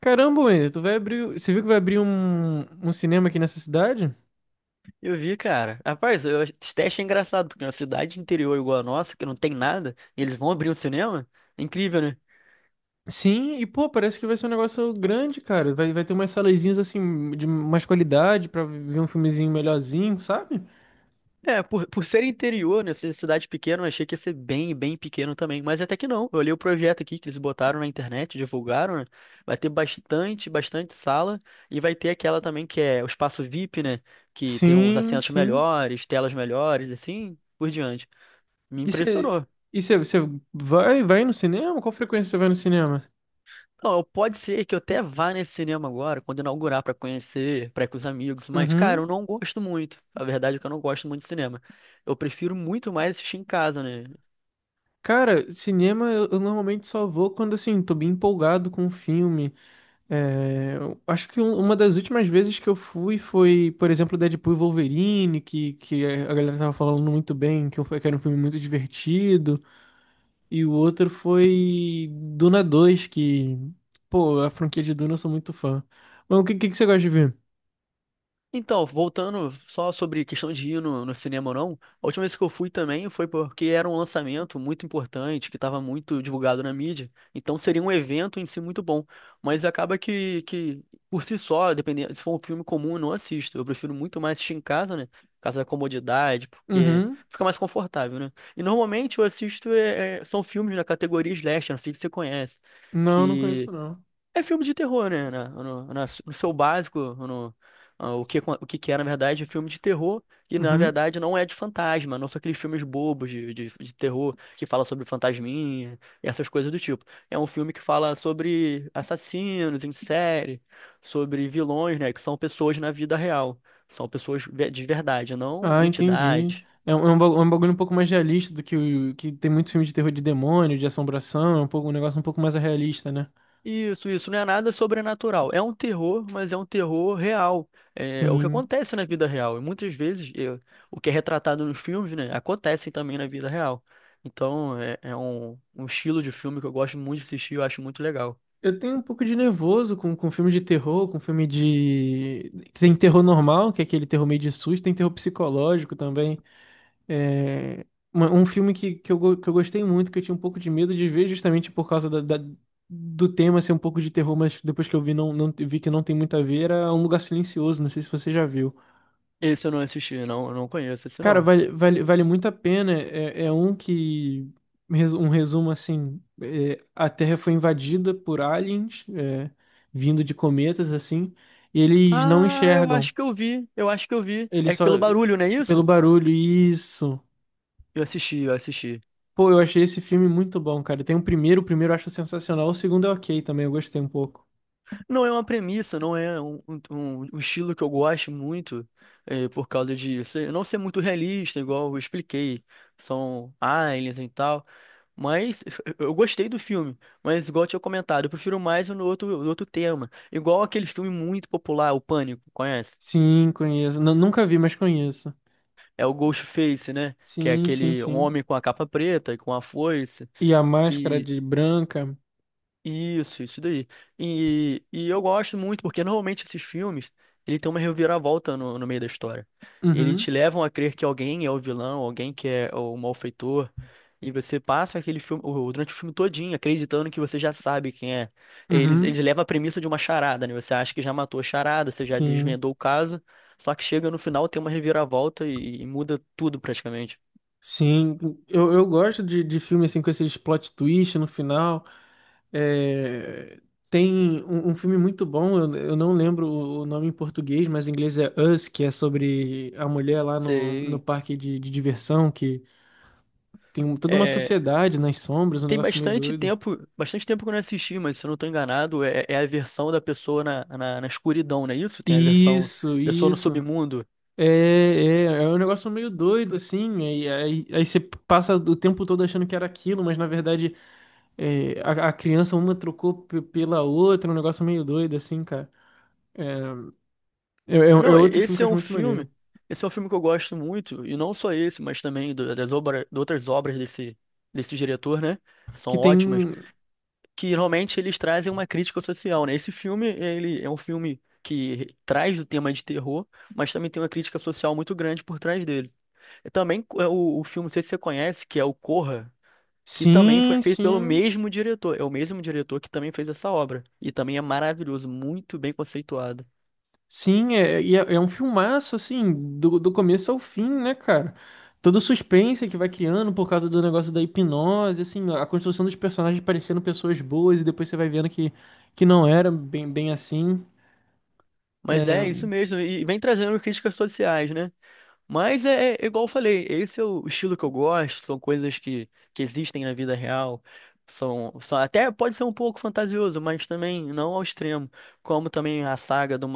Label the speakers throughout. Speaker 1: Caramba, Wendy, tu vai abrir. Você viu que vai abrir um cinema aqui nessa cidade?
Speaker 2: Eu vi, cara. Rapaz, eu, esse teste é engraçado, porque uma cidade interior igual a nossa, que não tem nada, e eles vão abrir um cinema? É incrível, né?
Speaker 1: Sim, e pô, parece que vai ser um negócio grande, cara. Vai ter umas salezinhas assim, de mais qualidade, pra ver um filmezinho melhorzinho, sabe?
Speaker 2: É, por ser interior, né, ser cidade pequena, eu achei que ia ser bem, bem pequeno também, mas até que não. Eu olhei o projeto aqui que eles botaram na internet, divulgaram, né? Vai ter bastante, bastante sala, e vai ter aquela também que é o espaço VIP, né? Que tem uns
Speaker 1: Sim,
Speaker 2: assentos
Speaker 1: sim.
Speaker 2: melhores, telas melhores, assim, por diante. Me
Speaker 1: E você.
Speaker 2: impressionou.
Speaker 1: E você vai no cinema? Qual frequência você vai no cinema?
Speaker 2: Não, pode ser que eu até vá nesse cinema agora, quando inaugurar, pra conhecer, pra ir com os amigos, mas, cara,
Speaker 1: Uhum.
Speaker 2: eu não gosto muito. A verdade é que eu não gosto muito de cinema. Eu prefiro muito mais assistir em casa, né?
Speaker 1: Cara, cinema eu normalmente só vou quando assim, tô bem empolgado com o filme. É, eu acho que uma das últimas vezes que eu fui foi, por exemplo, Deadpool e Wolverine, que a galera tava falando muito bem, que era um filme muito divertido. E o outro foi Duna dois que, pô, a franquia de Duna eu sou muito fã. Mas o que você gosta de ver?
Speaker 2: Então, voltando só sobre questão de ir no, no cinema ou não, a última vez que eu fui também foi porque era um lançamento muito importante, que estava muito divulgado na mídia, então seria um evento em si muito bom, mas acaba que por si só, dependendo, se for um filme comum, eu não assisto, eu prefiro muito mais assistir em casa, né, por causa da comodidade, porque
Speaker 1: Uhum.
Speaker 2: fica mais confortável, né, e normalmente eu assisto, são filmes da categoria slasher, não sei se você conhece,
Speaker 1: Não, não conheço
Speaker 2: que...
Speaker 1: não.
Speaker 2: É filme de terror, né? No seu básico, no, o que, na verdade, é filme de terror, e na
Speaker 1: Uhum.
Speaker 2: verdade não é de fantasma, não são aqueles filmes bobos de terror que fala sobre fantasminha e essas coisas do tipo. É um filme que fala sobre assassinos em série, sobre vilões, né? Que são pessoas na vida real. São pessoas de verdade, não
Speaker 1: Ah, entendi.
Speaker 2: entidades.
Speaker 1: É um, é um bagulho um pouco mais realista do que o que tem muitos filmes de terror de demônio, de assombração, é um pouco, um negócio um pouco mais realista, né?
Speaker 2: Isso não é nada sobrenatural. É um terror, mas é um terror real. É, é o que
Speaker 1: Sim.
Speaker 2: acontece na vida real. E muitas vezes é, o que é retratado nos filmes, né, acontece também na vida real. Então é, é um, um estilo de filme que eu gosto muito de assistir, eu acho muito legal.
Speaker 1: Eu tenho um pouco de nervoso com filme de terror, com filme de. Tem terror normal, que é aquele terror meio de susto, tem terror psicológico também. É... Um filme que, eu, que eu gostei muito, que eu tinha um pouco de medo de ver, justamente por causa do tema ser um pouco de terror, mas depois que eu vi, não, não vi que não tem muito a ver, era Um Lugar Silencioso, não sei se você já viu.
Speaker 2: Esse eu não assisti, não, eu não conheço esse
Speaker 1: Cara,
Speaker 2: não.
Speaker 1: vale muito a pena. É, é um que. Um resumo assim: é, a Terra foi invadida por aliens, é, vindo de cometas, assim, e eles não
Speaker 2: Ah, eu
Speaker 1: enxergam.
Speaker 2: acho que eu vi, eu acho que eu vi.
Speaker 1: Eles
Speaker 2: É
Speaker 1: só.
Speaker 2: pelo barulho, não é
Speaker 1: Pelo
Speaker 2: isso?
Speaker 1: barulho, isso.
Speaker 2: Eu assisti, eu assisti.
Speaker 1: Pô, eu achei esse filme muito bom, cara. Tem o primeiro eu acho sensacional, o segundo é ok também, eu gostei um pouco.
Speaker 2: Não é uma premissa, não é um, um estilo que eu gosto muito, por causa de não ser muito realista, igual eu expliquei. São aliens e tal. Mas eu gostei do filme, mas igual eu tinha comentado, eu prefiro mais no outro, no outro tema. Igual aquele filme muito popular, O Pânico, conhece?
Speaker 1: Sim, conheço. Nunca vi, mas conheço.
Speaker 2: É o Ghostface, né? Que é
Speaker 1: Sim, sim,
Speaker 2: aquele um
Speaker 1: sim.
Speaker 2: homem com a capa preta e com a foice.
Speaker 1: E a máscara de branca.
Speaker 2: Isso daí. E eu gosto muito, porque normalmente esses filmes, ele tem uma reviravolta no, no meio da história. Eles te
Speaker 1: Uhum,
Speaker 2: levam a crer que alguém é o vilão, alguém que é o malfeitor, e você passa aquele filme, durante o filme todinho, acreditando que você já sabe quem é. Eles
Speaker 1: uhum,
Speaker 2: levam a premissa de uma charada, né? Você acha que já matou a charada, você já
Speaker 1: sim.
Speaker 2: desvendou o caso, só que chega no final, tem uma reviravolta e muda tudo praticamente.
Speaker 1: Sim, eu gosto de filme assim com esses plot twist no final. É, tem um, um filme muito bom, eu não lembro o nome em português, mas em inglês é Us, que é sobre a mulher lá no, no
Speaker 2: Sei.
Speaker 1: parque de diversão, que tem toda uma
Speaker 2: É,
Speaker 1: sociedade nas sombras, um
Speaker 2: tem
Speaker 1: negócio meio doido.
Speaker 2: bastante tempo que eu não assisti, mas se eu não estou enganado, é, é a versão da pessoa na, na, na escuridão, não é isso? Tem a versão
Speaker 1: Isso,
Speaker 2: pessoa no
Speaker 1: isso.
Speaker 2: submundo.
Speaker 1: É, é, é um negócio meio doido, assim, aí você passa o tempo todo achando que era aquilo, mas na verdade. É, a criança uma trocou pela outra, é um negócio meio doido, assim, cara. É, é
Speaker 2: Não,
Speaker 1: outro filme que
Speaker 2: esse
Speaker 1: eu
Speaker 2: é
Speaker 1: acho
Speaker 2: um
Speaker 1: muito
Speaker 2: filme,
Speaker 1: maneiro.
Speaker 2: esse é um filme que eu gosto muito, e não só esse, mas também das obras, de outras obras desse, desse diretor, né? São
Speaker 1: Que tem.
Speaker 2: ótimas, que realmente eles trazem uma crítica social, né? Esse filme, ele é um filme que traz o tema de terror, mas também tem uma crítica social muito grande por trás dele. E também é, o filme, não sei se você conhece, que é o Corra, que também foi
Speaker 1: Sim,
Speaker 2: feito pelo
Speaker 1: sim.
Speaker 2: mesmo diretor. É o mesmo diretor que também fez essa obra. E também é maravilhoso, muito bem conceituado.
Speaker 1: Sim, é, e é, é um filmaço, assim, do, do começo ao fim, né, cara? Todo o suspense que vai criando por causa do negócio da hipnose, assim, a construção dos personagens parecendo pessoas boas e depois você vai vendo que não era bem, bem assim. É,
Speaker 2: Mas é isso mesmo, e vem trazendo críticas sociais, né? Mas é, é igual eu falei, esse é o estilo que eu gosto, são coisas que existem na vida real. São, são, até pode ser um pouco fantasioso, mas também não ao extremo. Como também a saga do,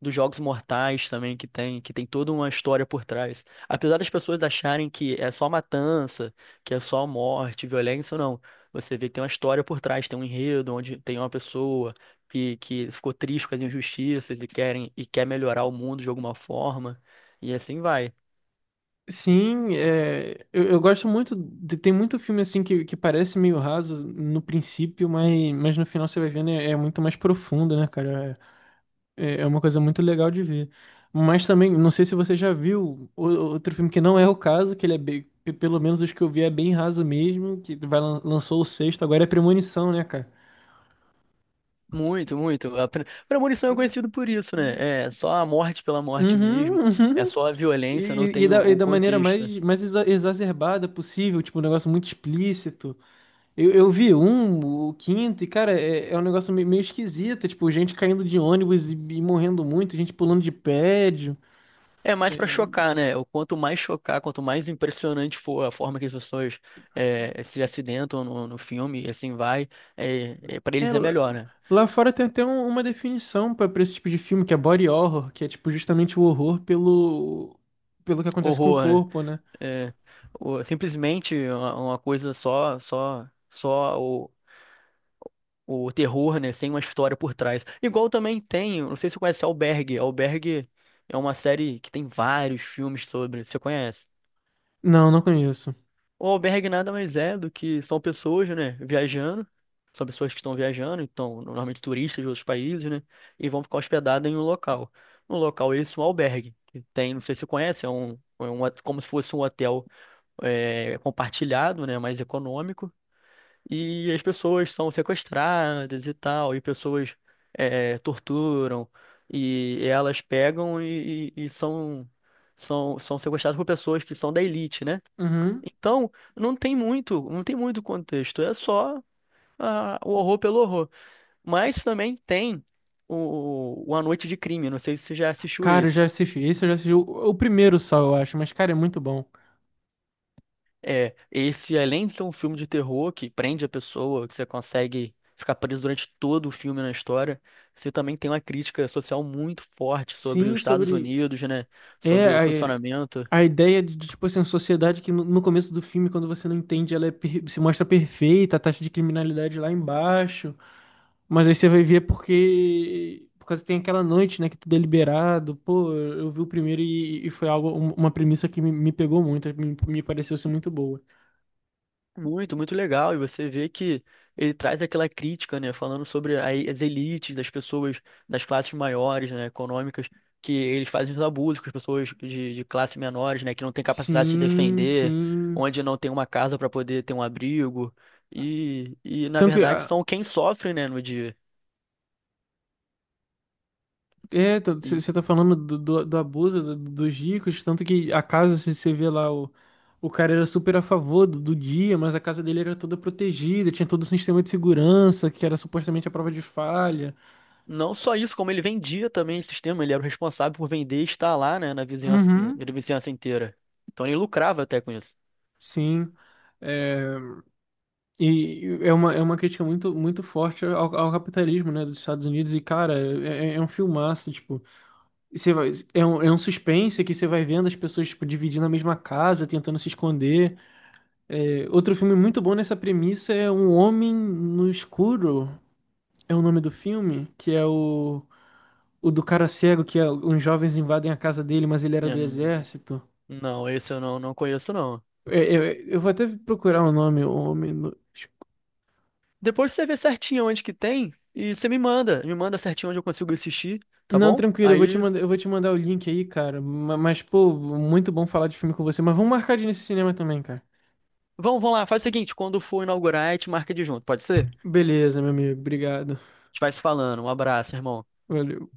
Speaker 2: dos Jogos Mortais também, que tem toda uma história por trás. Apesar das pessoas acharem que é só matança, que é só morte, violência, não. Você vê que tem uma história por trás, tem um enredo onde tem uma pessoa que ficou triste com as injustiças e quer melhorar o mundo de alguma forma. E assim vai.
Speaker 1: sim, é, eu gosto muito. Tem muito filme assim que parece meio raso no princípio, mas no final você vai vendo é, é muito mais profundo, né, cara? É, é é uma coisa muito legal de ver. Mas também, não sei se você já viu outro filme que não é o caso, que ele é bem, pelo menos os que eu vi é bem raso mesmo, que vai, lançou o sexto, agora é Premonição, né, cara?
Speaker 2: Muito, muito. A premonição é conhecido por isso, né? É só a morte pela morte mesmo.
Speaker 1: Uhum,
Speaker 2: É
Speaker 1: uhum.
Speaker 2: só a
Speaker 1: E,
Speaker 2: violência, não tem
Speaker 1: e
Speaker 2: um
Speaker 1: da maneira
Speaker 2: contexto.
Speaker 1: mais, mais exacerbada possível, tipo, um negócio muito explícito. Eu vi um, o quinto, e cara, é, é um negócio meio, meio esquisito, tipo, gente caindo de ônibus e morrendo muito, gente pulando de prédio.
Speaker 2: É mais
Speaker 1: É,
Speaker 2: pra chocar, né? O quanto mais chocar, quanto mais impressionante for a forma que as pessoas se acidentam no, no filme, e assim vai, é, é, para
Speaker 1: é,
Speaker 2: eles é melhor,
Speaker 1: lá
Speaker 2: né?
Speaker 1: lá fora tem até uma definição pra pra esse tipo de filme, que é body horror, que é tipo justamente o horror pelo, pelo que acontece com o
Speaker 2: Horror, né?
Speaker 1: corpo, né?
Speaker 2: É, simplesmente uma coisa só o terror, né? Sem uma história por trás. Igual também tem, não sei se você conhece Albergue. Albergue é uma série que tem vários filmes sobre. Você conhece?
Speaker 1: Não, não conheço.
Speaker 2: O albergue nada mais é do que são pessoas, né, viajando, são pessoas que estão viajando, então, normalmente turistas de outros países, né, e vão ficar hospedadas em um local. No local esse, um albergue, que tem, não sei se você conhece, é um como se fosse um hotel é, compartilhado, né, mais econômico, e as pessoas são sequestradas e tal, e pessoas é, torturam, e elas pegam e são, são, são sequestradas por pessoas que são da elite, né?
Speaker 1: Uhum.
Speaker 2: Então, não tem muito, não tem muito contexto, é só o horror pelo horror. Mas também tem o A Noite de Crime, não sei se você já assistiu
Speaker 1: Cara, eu
Speaker 2: esse.
Speaker 1: já assisti. Esse eu já assisti o primeiro só, eu acho, mas cara, é muito bom.
Speaker 2: É, esse além de ser um filme de terror que prende a pessoa, que você consegue ficar preso durante todo o filme na história, você também tem uma crítica social muito forte sobre
Speaker 1: Sim,
Speaker 2: os Estados
Speaker 1: sobre.
Speaker 2: Unidos, né?
Speaker 1: É,
Speaker 2: Sobre o
Speaker 1: é,
Speaker 2: funcionamento.
Speaker 1: a ideia de, tipo assim, uma sociedade que no, no começo do filme, quando você não entende, ela é se mostra perfeita, a taxa de criminalidade lá embaixo. Mas aí você vai ver porque. Por causa que tem aquela noite, né, que tudo é liberado. Pô, eu vi o primeiro e foi algo, uma premissa que me pegou muito, me pareceu ser muito boa.
Speaker 2: Muito, muito legal. E você vê que ele traz aquela crítica, né, falando sobre as elites das pessoas das classes maiores, né, econômicas, que eles fazem os abusos com as pessoas de classe menores, né, que não tem capacidade de se
Speaker 1: Sim,
Speaker 2: defender,
Speaker 1: sim.
Speaker 2: onde não tem uma casa para poder ter um abrigo. E, na
Speaker 1: Tanto,
Speaker 2: verdade,
Speaker 1: ah,
Speaker 2: são quem sofre, né, no dia.
Speaker 1: é,
Speaker 2: E
Speaker 1: você tá falando do abuso dos ricos, tanto que a casa, você vê lá, o cara era super a favor do, do dia, mas a casa dele era toda protegida, tinha todo o sistema de segurança, que era supostamente a prova de falha.
Speaker 2: não só isso, como ele vendia também esse sistema, ele era o responsável por vender e estar lá, né,
Speaker 1: Uhum,
Speaker 2: na vizinhança inteira. Então ele lucrava até com isso.
Speaker 1: sim. É, e é uma crítica muito, muito forte ao, ao capitalismo, né, dos Estados Unidos, e cara, é, é é um filmaço, tipo, você vai, é um suspense que você vai vendo as pessoas, tipo, dividindo a mesma casa, tentando se esconder. É, outro filme muito bom nessa premissa é Um Homem no Escuro, é o nome do filme, que é o do cara cego, que é, uns jovens invadem a casa dele, mas ele era
Speaker 2: É,
Speaker 1: do exército.
Speaker 2: não, esse eu não, não conheço, não.
Speaker 1: É, é, eu vou até procurar o nome, O Homem no Escuro.
Speaker 2: Depois você vê certinho onde que tem e você me manda. Me manda certinho onde eu consigo assistir, tá
Speaker 1: Não,
Speaker 2: bom?
Speaker 1: tranquilo, eu vou te
Speaker 2: Aí,
Speaker 1: mandar, eu vou te mandar o link aí, cara. Mas, pô, muito bom falar de filme com você. Mas vamos marcar de ir nesse cinema também, cara.
Speaker 2: vamos, vamos lá. Faz o seguinte, quando for inaugurar, a gente marca de junto, pode ser? A
Speaker 1: Beleza, meu amigo, obrigado.
Speaker 2: gente vai se falando. Um abraço, irmão.
Speaker 1: Valeu.